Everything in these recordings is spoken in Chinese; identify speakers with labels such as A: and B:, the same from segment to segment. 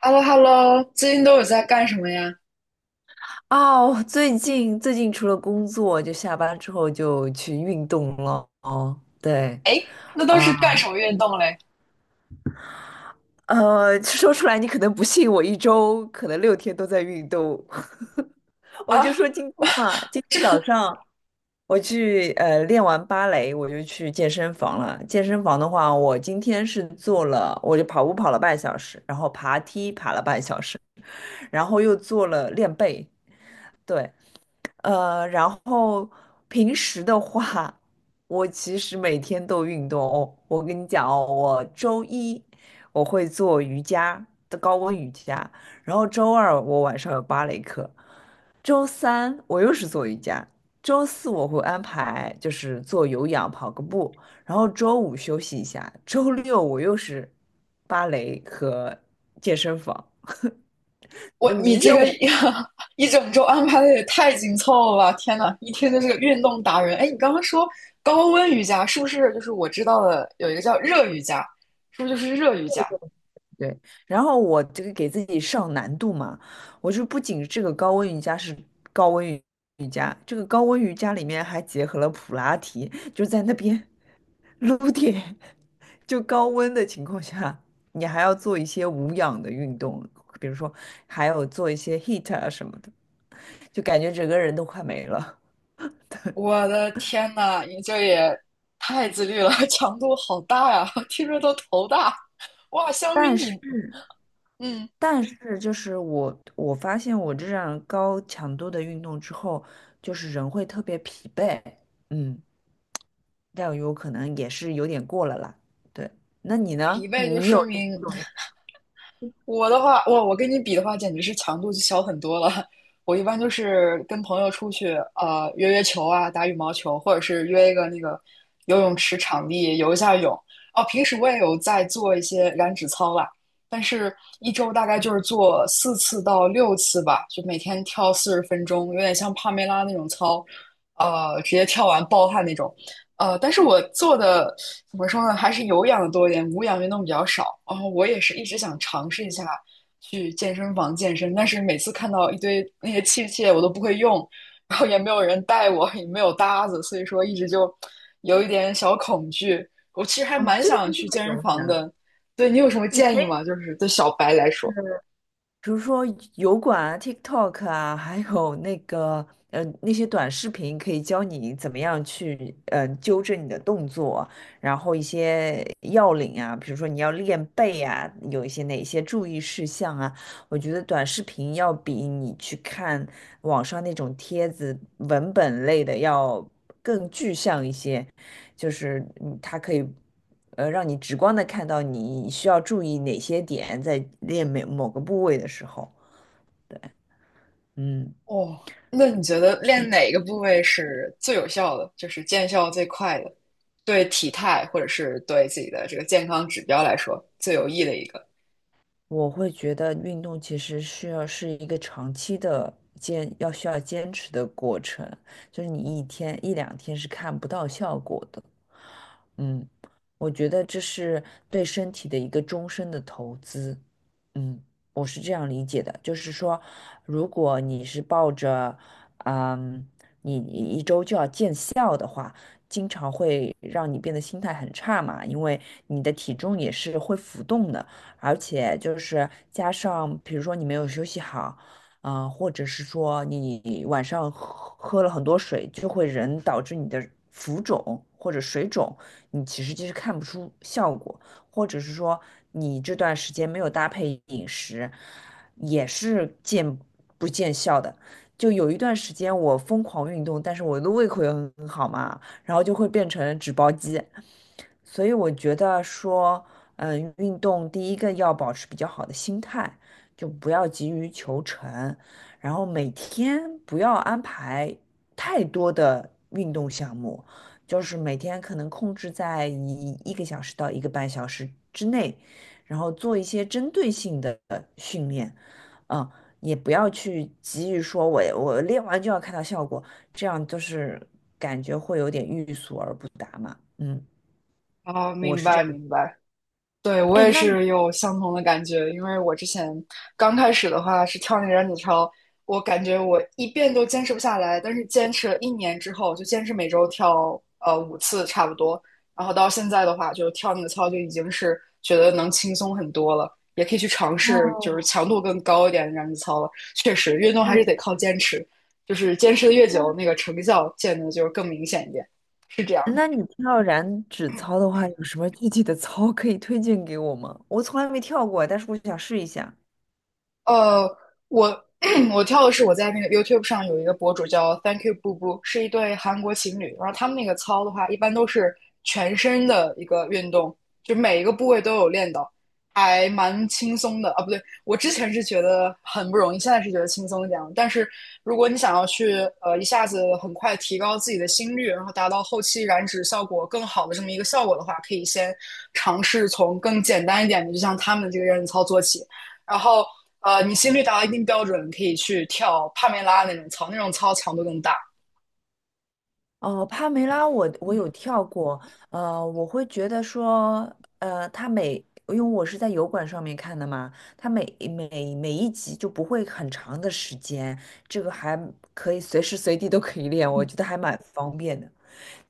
A: h e l l o h e l l o 最近都有在干什么呀？
B: 哦，最近除了工作，就下班之后就去运动了。哦，对
A: 哎，那都是
B: 啊，
A: 干什么运动嘞？
B: 说出来你可能不信，我一周可能6天都在运动。我就
A: 啊，
B: 说今天嘛，今天早
A: 这
B: 上我去练完芭蕾，我就去健身房了。健身房的话，我今天是做了，我就跑步跑了半小时，然后爬梯爬了半小时，然后又做了练背。对，然后平时的话，我其实每天都运动哦。我跟你讲哦，我周一我会做瑜伽的高温瑜伽，然后周二我晚上有芭蕾课，周三我又是做瑜伽，周四我会安排就是做有氧跑个步，然后周五休息一下，周六我又是芭蕾和健身房。
A: 我
B: 那
A: 你
B: 明
A: 这
B: 天
A: 个
B: 我
A: 一整周安排的也太紧凑了吧！天呐，一听就是个运动达人。哎，你刚刚说高温瑜伽是不是就是我知道的有一个叫热瑜伽，是不是就是热瑜伽？
B: 对，然后我这个给自己上难度嘛，我就不仅这个高温瑜伽是高温瑜伽，这个高温瑜伽里面还结合了普拉提，就在那边撸铁，就高温的情况下，你还要做一些无氧的运动，比如说还有做一些 HIIT 啊什么的，就感觉整个人都快没了。
A: 我的天呐，你这也太自律了，强度好大呀，听着都头大。哇，相比
B: 但
A: 你，
B: 是
A: 嗯，
B: 但是就是我发现我这样高强度的运动之后，就是人会特别疲惫，嗯，但有可能也是有点过了啦。对，那你
A: 疲
B: 呢？
A: 惫就
B: 你有
A: 说明我的话，我跟你比的话，简直是强度就小很多了。我一般就是跟朋友出去，约约球啊，打羽毛球，或者是约一个那个游泳池场地游一下泳。哦，平时我也有在做一些燃脂操啦，但是一周大概就是做4次到6次吧，就每天跳四十分钟，有点像帕梅拉那种操，直接跳完暴汗那种。但是我做的怎么说呢，还是有氧的多一点，无氧运动比较少。然后我也是一直想尝试一下去健身房健身，但是每次看到一堆那些器械我都不会用，然后也没有人带我，也没有搭子，所以说一直就有一点小恐惧。我其实还
B: 啊，
A: 蛮
B: 这个其
A: 想
B: 实
A: 去
B: 很
A: 健身
B: 容易
A: 房
B: 啊，
A: 的，对你有什么建议吗？就是对小白来说，
B: 比如说油管啊、TikTok 啊，还有那个那些短视频，可以教你怎么样去纠正你的动作，然后一些要领啊，比如说你要练背啊，有一些哪些注意事项啊，我觉得短视频要比你去看网上那种帖子文本类的要更具象一些。就是它可以让你直观的看到你需要注意哪些点在练每某个部位的时候，嗯，
A: 哦，那你觉得练哪个部位是最有效的，就是见效最快的，对体态或者是对自己的这个健康指标来说最有益的一个？
B: 我会觉得运动其实需要是一个长期的需要坚持的过程，就是你一天一两天是看不到效果的。嗯，我觉得这是对身体的一个终身的投资。嗯，我是这样理解的，就是说，如果你是抱着，嗯，你一周就要见效的话，经常会让你变得心态很差嘛，因为你的体重也是会浮动的。而且就是加上，比如说你没有休息好，或者是说你晚上喝了很多水，就会人导致你的浮肿或者水肿，你其实就是看不出效果，或者是说你这段时间没有搭配饮食，也是不见效的。就有一段时间我疯狂运动，但是我的胃口也很好嘛，然后就会变成纸包鸡，所以我觉得说，运动第一个要保持比较好的心态，就不要急于求成，然后每天不要安排太多的运动项目，就是每天可能控制在一个小时到一个半小时之内，然后做一些针对性的训练，嗯、也不要去急于说我练完就要看到效果，这样就是感觉会有点欲速而不达嘛，嗯。
A: 哦，
B: 我
A: 明
B: 是。这
A: 白明白。对，我
B: 哎，
A: 也
B: 那你
A: 是有相同的感觉，因为我之前刚开始的话是跳那个燃脂操，我感觉我一遍都坚持不下来，但是坚持了一年之后，就坚持每周跳5次差不多，然后到现在的话，就跳那个操就已经是觉得能轻松很多了，也可以去尝试就是
B: 哦，
A: 强度更高一点的燃脂操了。确实，运动还是
B: 嗯，
A: 得靠坚持，就是坚持的越久，那
B: 那
A: 个成效见的就是更明显一点，是这样的。
B: 那你跳燃脂操的话，有什么具体的操可以推荐给我吗？我从来没跳过，但是我想试一下。
A: 呃，我 我跳的是我在那个 YouTube 上有一个博主叫 Thank You 布布，是一对韩国情侣。然后他们那个操的话，一般都是全身的一个运动，就每一个部位都有练到，还蛮轻松的啊。不对，我之前是觉得很不容易，现在是觉得轻松一点了。但是如果你想要去一下子很快提高自己的心率，然后达到后期燃脂效果更好的这么一个效果的话，可以先尝试从更简单一点的，就像他们这个热身操做起。然后你心率达到一定标准，可以去跳帕梅拉那种操，那种操强度更大。
B: 哦，帕梅拉我有跳过，我会觉得说，呃，它每，因为我是在油管上面看的嘛，它每一集就不会很长的时间，这个还可以随时随地都可以练，我觉得还蛮方便的。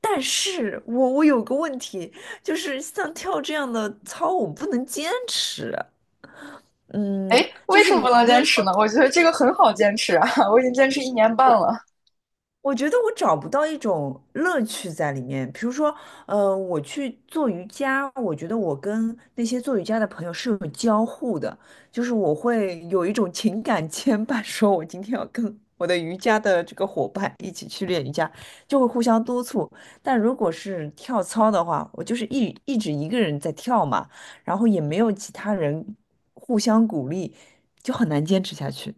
B: 但是我有个问题，就是像跳这样的操，我不能坚持。嗯，
A: 哎，
B: 就
A: 为
B: 是
A: 什么
B: 我
A: 不
B: 还
A: 能
B: 没有
A: 坚持呢？我觉得这个很好坚持啊，我已经坚持1年半了。
B: 我觉得我找不到一种乐趣在里面。比如说，我去做瑜伽，我觉得我跟那些做瑜伽的朋友是有交互的，就是我会有一种情感牵绊，说我今天要跟我的瑜伽的这个伙伴一起去练瑜伽，就会互相督促。但如果是跳操的话，我就是一直一个人在跳嘛，然后也没有其他人互相鼓励，就很难坚持下去。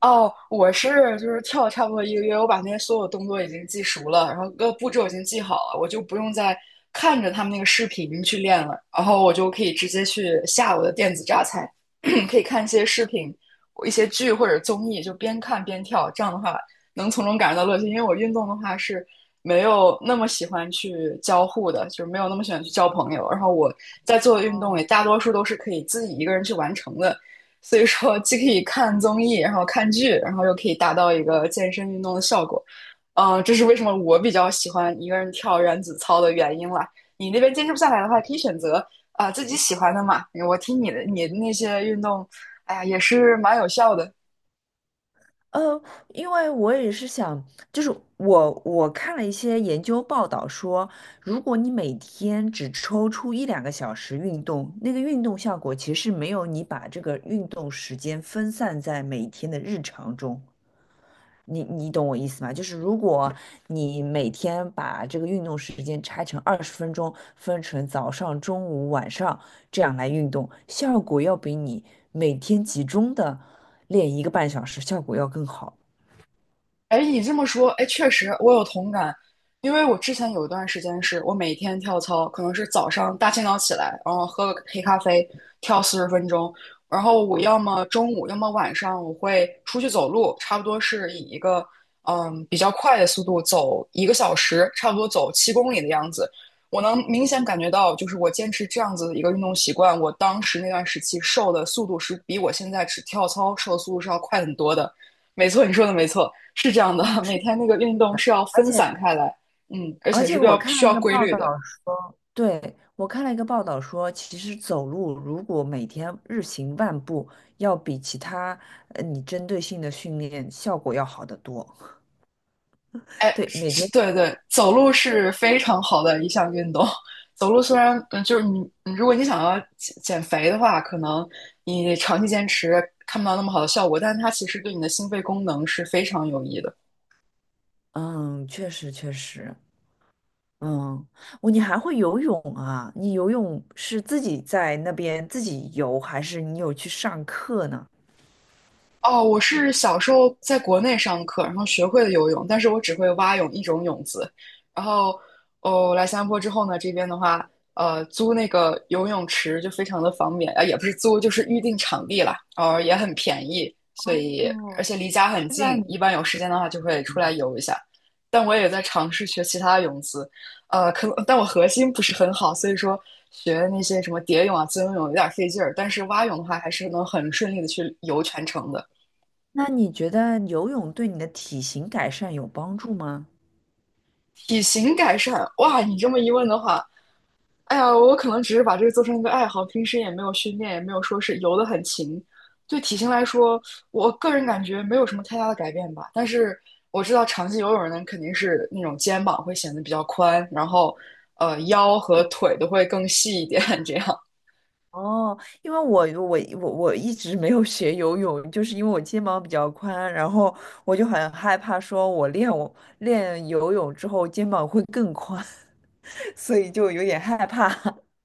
A: 哦，我是就是跳差不多1个月，我把那些所有动作已经记熟了，然后各个步骤已经记好了，我就不用再看着他们那个视频去练了，然后我就可以直接去下我的电子榨菜，可以看一些视频、一些剧或者综艺，就边看边跳，这样的话能从中感受到乐趣。因为我运动的话是没有那么喜欢去交互的，就是没有那么喜欢去交朋友，然后我在做的运动也大多数都是可以自己一个人去完成的。所以说既可以看综艺，然后看剧，然后又可以达到一个健身运动的效果。这是为什么我比较喜欢一个人跳燃脂操的原因啦。你那边坚持不下来的话，可以选择自己喜欢的嘛。我听你的，你的那些运动，哎呀，也是蛮有效的。
B: 呃，因为我也是想，就是我看了一些研究报道说，如果你每天只抽出一两个小时运动，那个运动效果其实没有你把这个运动时间分散在每天的日常中。你懂我意思吗？就是如果你每天把这个运动时间拆成20分钟，分成早上、中午、晚上这样来运动，效果要比你每天集中的练一个半小时效果要更好。
A: 哎，你这么说，哎，确实我有同感，因为我之前有一段时间是我每天跳操，可能是早上大清早起来，然后喝个黑咖啡，跳四十分钟，然后我要么中午，要么晚上，我会出去走路，差不多是以一个比较快的速度走一个小时，差不多走7公里的样子。我能明显感觉到，就是我坚持这样子的一个运动习惯，我当时那段时期瘦的速度是比我现在只跳操瘦的速度是要快很多的。没错，你说的没错，是这样的。
B: 嗯，
A: 每
B: 是，
A: 天那个运动是要
B: 而
A: 分
B: 且
A: 散开来，嗯，而
B: 而
A: 且是
B: 且
A: 比
B: 我
A: 较
B: 看
A: 需
B: 了一
A: 要
B: 个
A: 规
B: 报
A: 律
B: 道
A: 的。
B: 说，对，我看了一个报道说，其实走路如果每天日行万步，要比其他你针对性的训练效果要好得多。
A: 哎，
B: 对，每
A: 是，
B: 天，
A: 对对，走路是非常好的一项运动。走路虽然，你如果你想要减肥的话，可能你长期坚持看不到那么好的效果，但是它其实对你的心肺功能是非常有益的。
B: 嗯，确实确实，嗯，你还会游泳啊？你游泳是自己在那边自己游，还是你有去上课呢？
A: 哦，我是小时候在国内上课，然后学会了游泳，但是我只会蛙泳一种泳姿。然后，哦，来新加坡之后呢，这边的话，租那个游泳池就非常的方便，啊，也不是租，就是预定场地了，然后也很便宜，所以
B: 哦，
A: 而且离家很
B: 是在
A: 近，
B: 你
A: 一般有时间的话就会出来游一下。但我也在尝试学其他的泳姿，可能但我核心不是很好，所以说学那些什么蝶泳啊、自由泳有点费劲儿，但是蛙泳的话还是能很顺利的去游全程的。
B: 那你觉得游泳对你的体型改善有帮助吗？
A: 体型改善，哇！你这么一问的话，哎呀，我可能只是把这个做成一个爱好，平时也没有训练，也没有说是游得很勤。对体型来说，我个人感觉没有什么太大的改变吧。但是我知道长期游泳的人肯定是那种肩膀会显得比较宽，然后腰和腿都会更细一点，这样。
B: 哦，因为我一直没有学游泳，就是因为我肩膀比较宽，然后我就很害怕，说我练游泳之后肩膀会更宽，所以就有点害怕。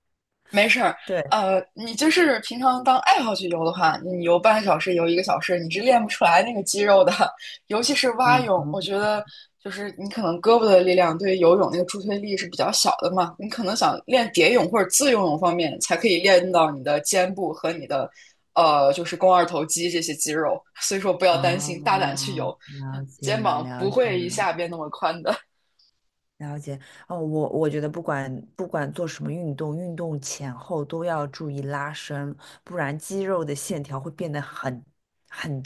A: 没事儿，
B: 对，
A: 你就是平常当爱好去游的话，你游半个小时、游一个小时，你是练不出来那个肌肉的。尤其是蛙
B: 嗯，
A: 泳，我觉得就是你可能胳膊的力量对于游泳那个助推力是比较小的嘛，你可能想练蝶泳或者自由泳方面，才可以练到你的肩部和你的就是肱二头肌这些肌肉。所以说不要担心，大胆去
B: 哦，
A: 游，
B: 了解
A: 肩
B: 了，
A: 膀
B: 了
A: 不
B: 解
A: 会一
B: 了。
A: 下变那么宽的。
B: 了解哦，我觉得不管做什么运动，运动前后都要注意拉伸，不然肌肉的线条会变得很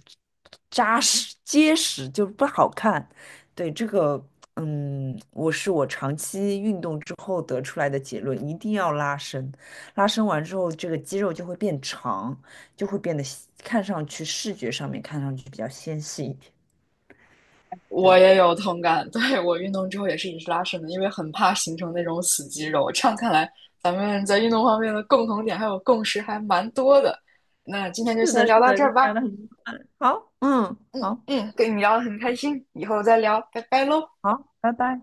B: 扎实结实，就不好看。对这个，嗯，我是我长期运动之后得出来的结论，一定要拉伸。拉伸完之后，这个肌肉就会变长，就会变得看上去视觉上面看上去比较纤细一点。
A: 我
B: 对，
A: 也有同感，对，我运动之后也是一直拉伸的，因为很怕形成那种死肌肉。这样看来，咱们在运动方面的共同点还有共识还蛮多的。那今天就
B: 是
A: 先
B: 的，是
A: 聊到
B: 的，
A: 这
B: 跟
A: 儿
B: 你聊
A: 吧。
B: 的很好，嗯，
A: 嗯
B: 好。
A: 嗯，跟你聊得很开心，以后再聊，拜拜喽。
B: 好，拜拜。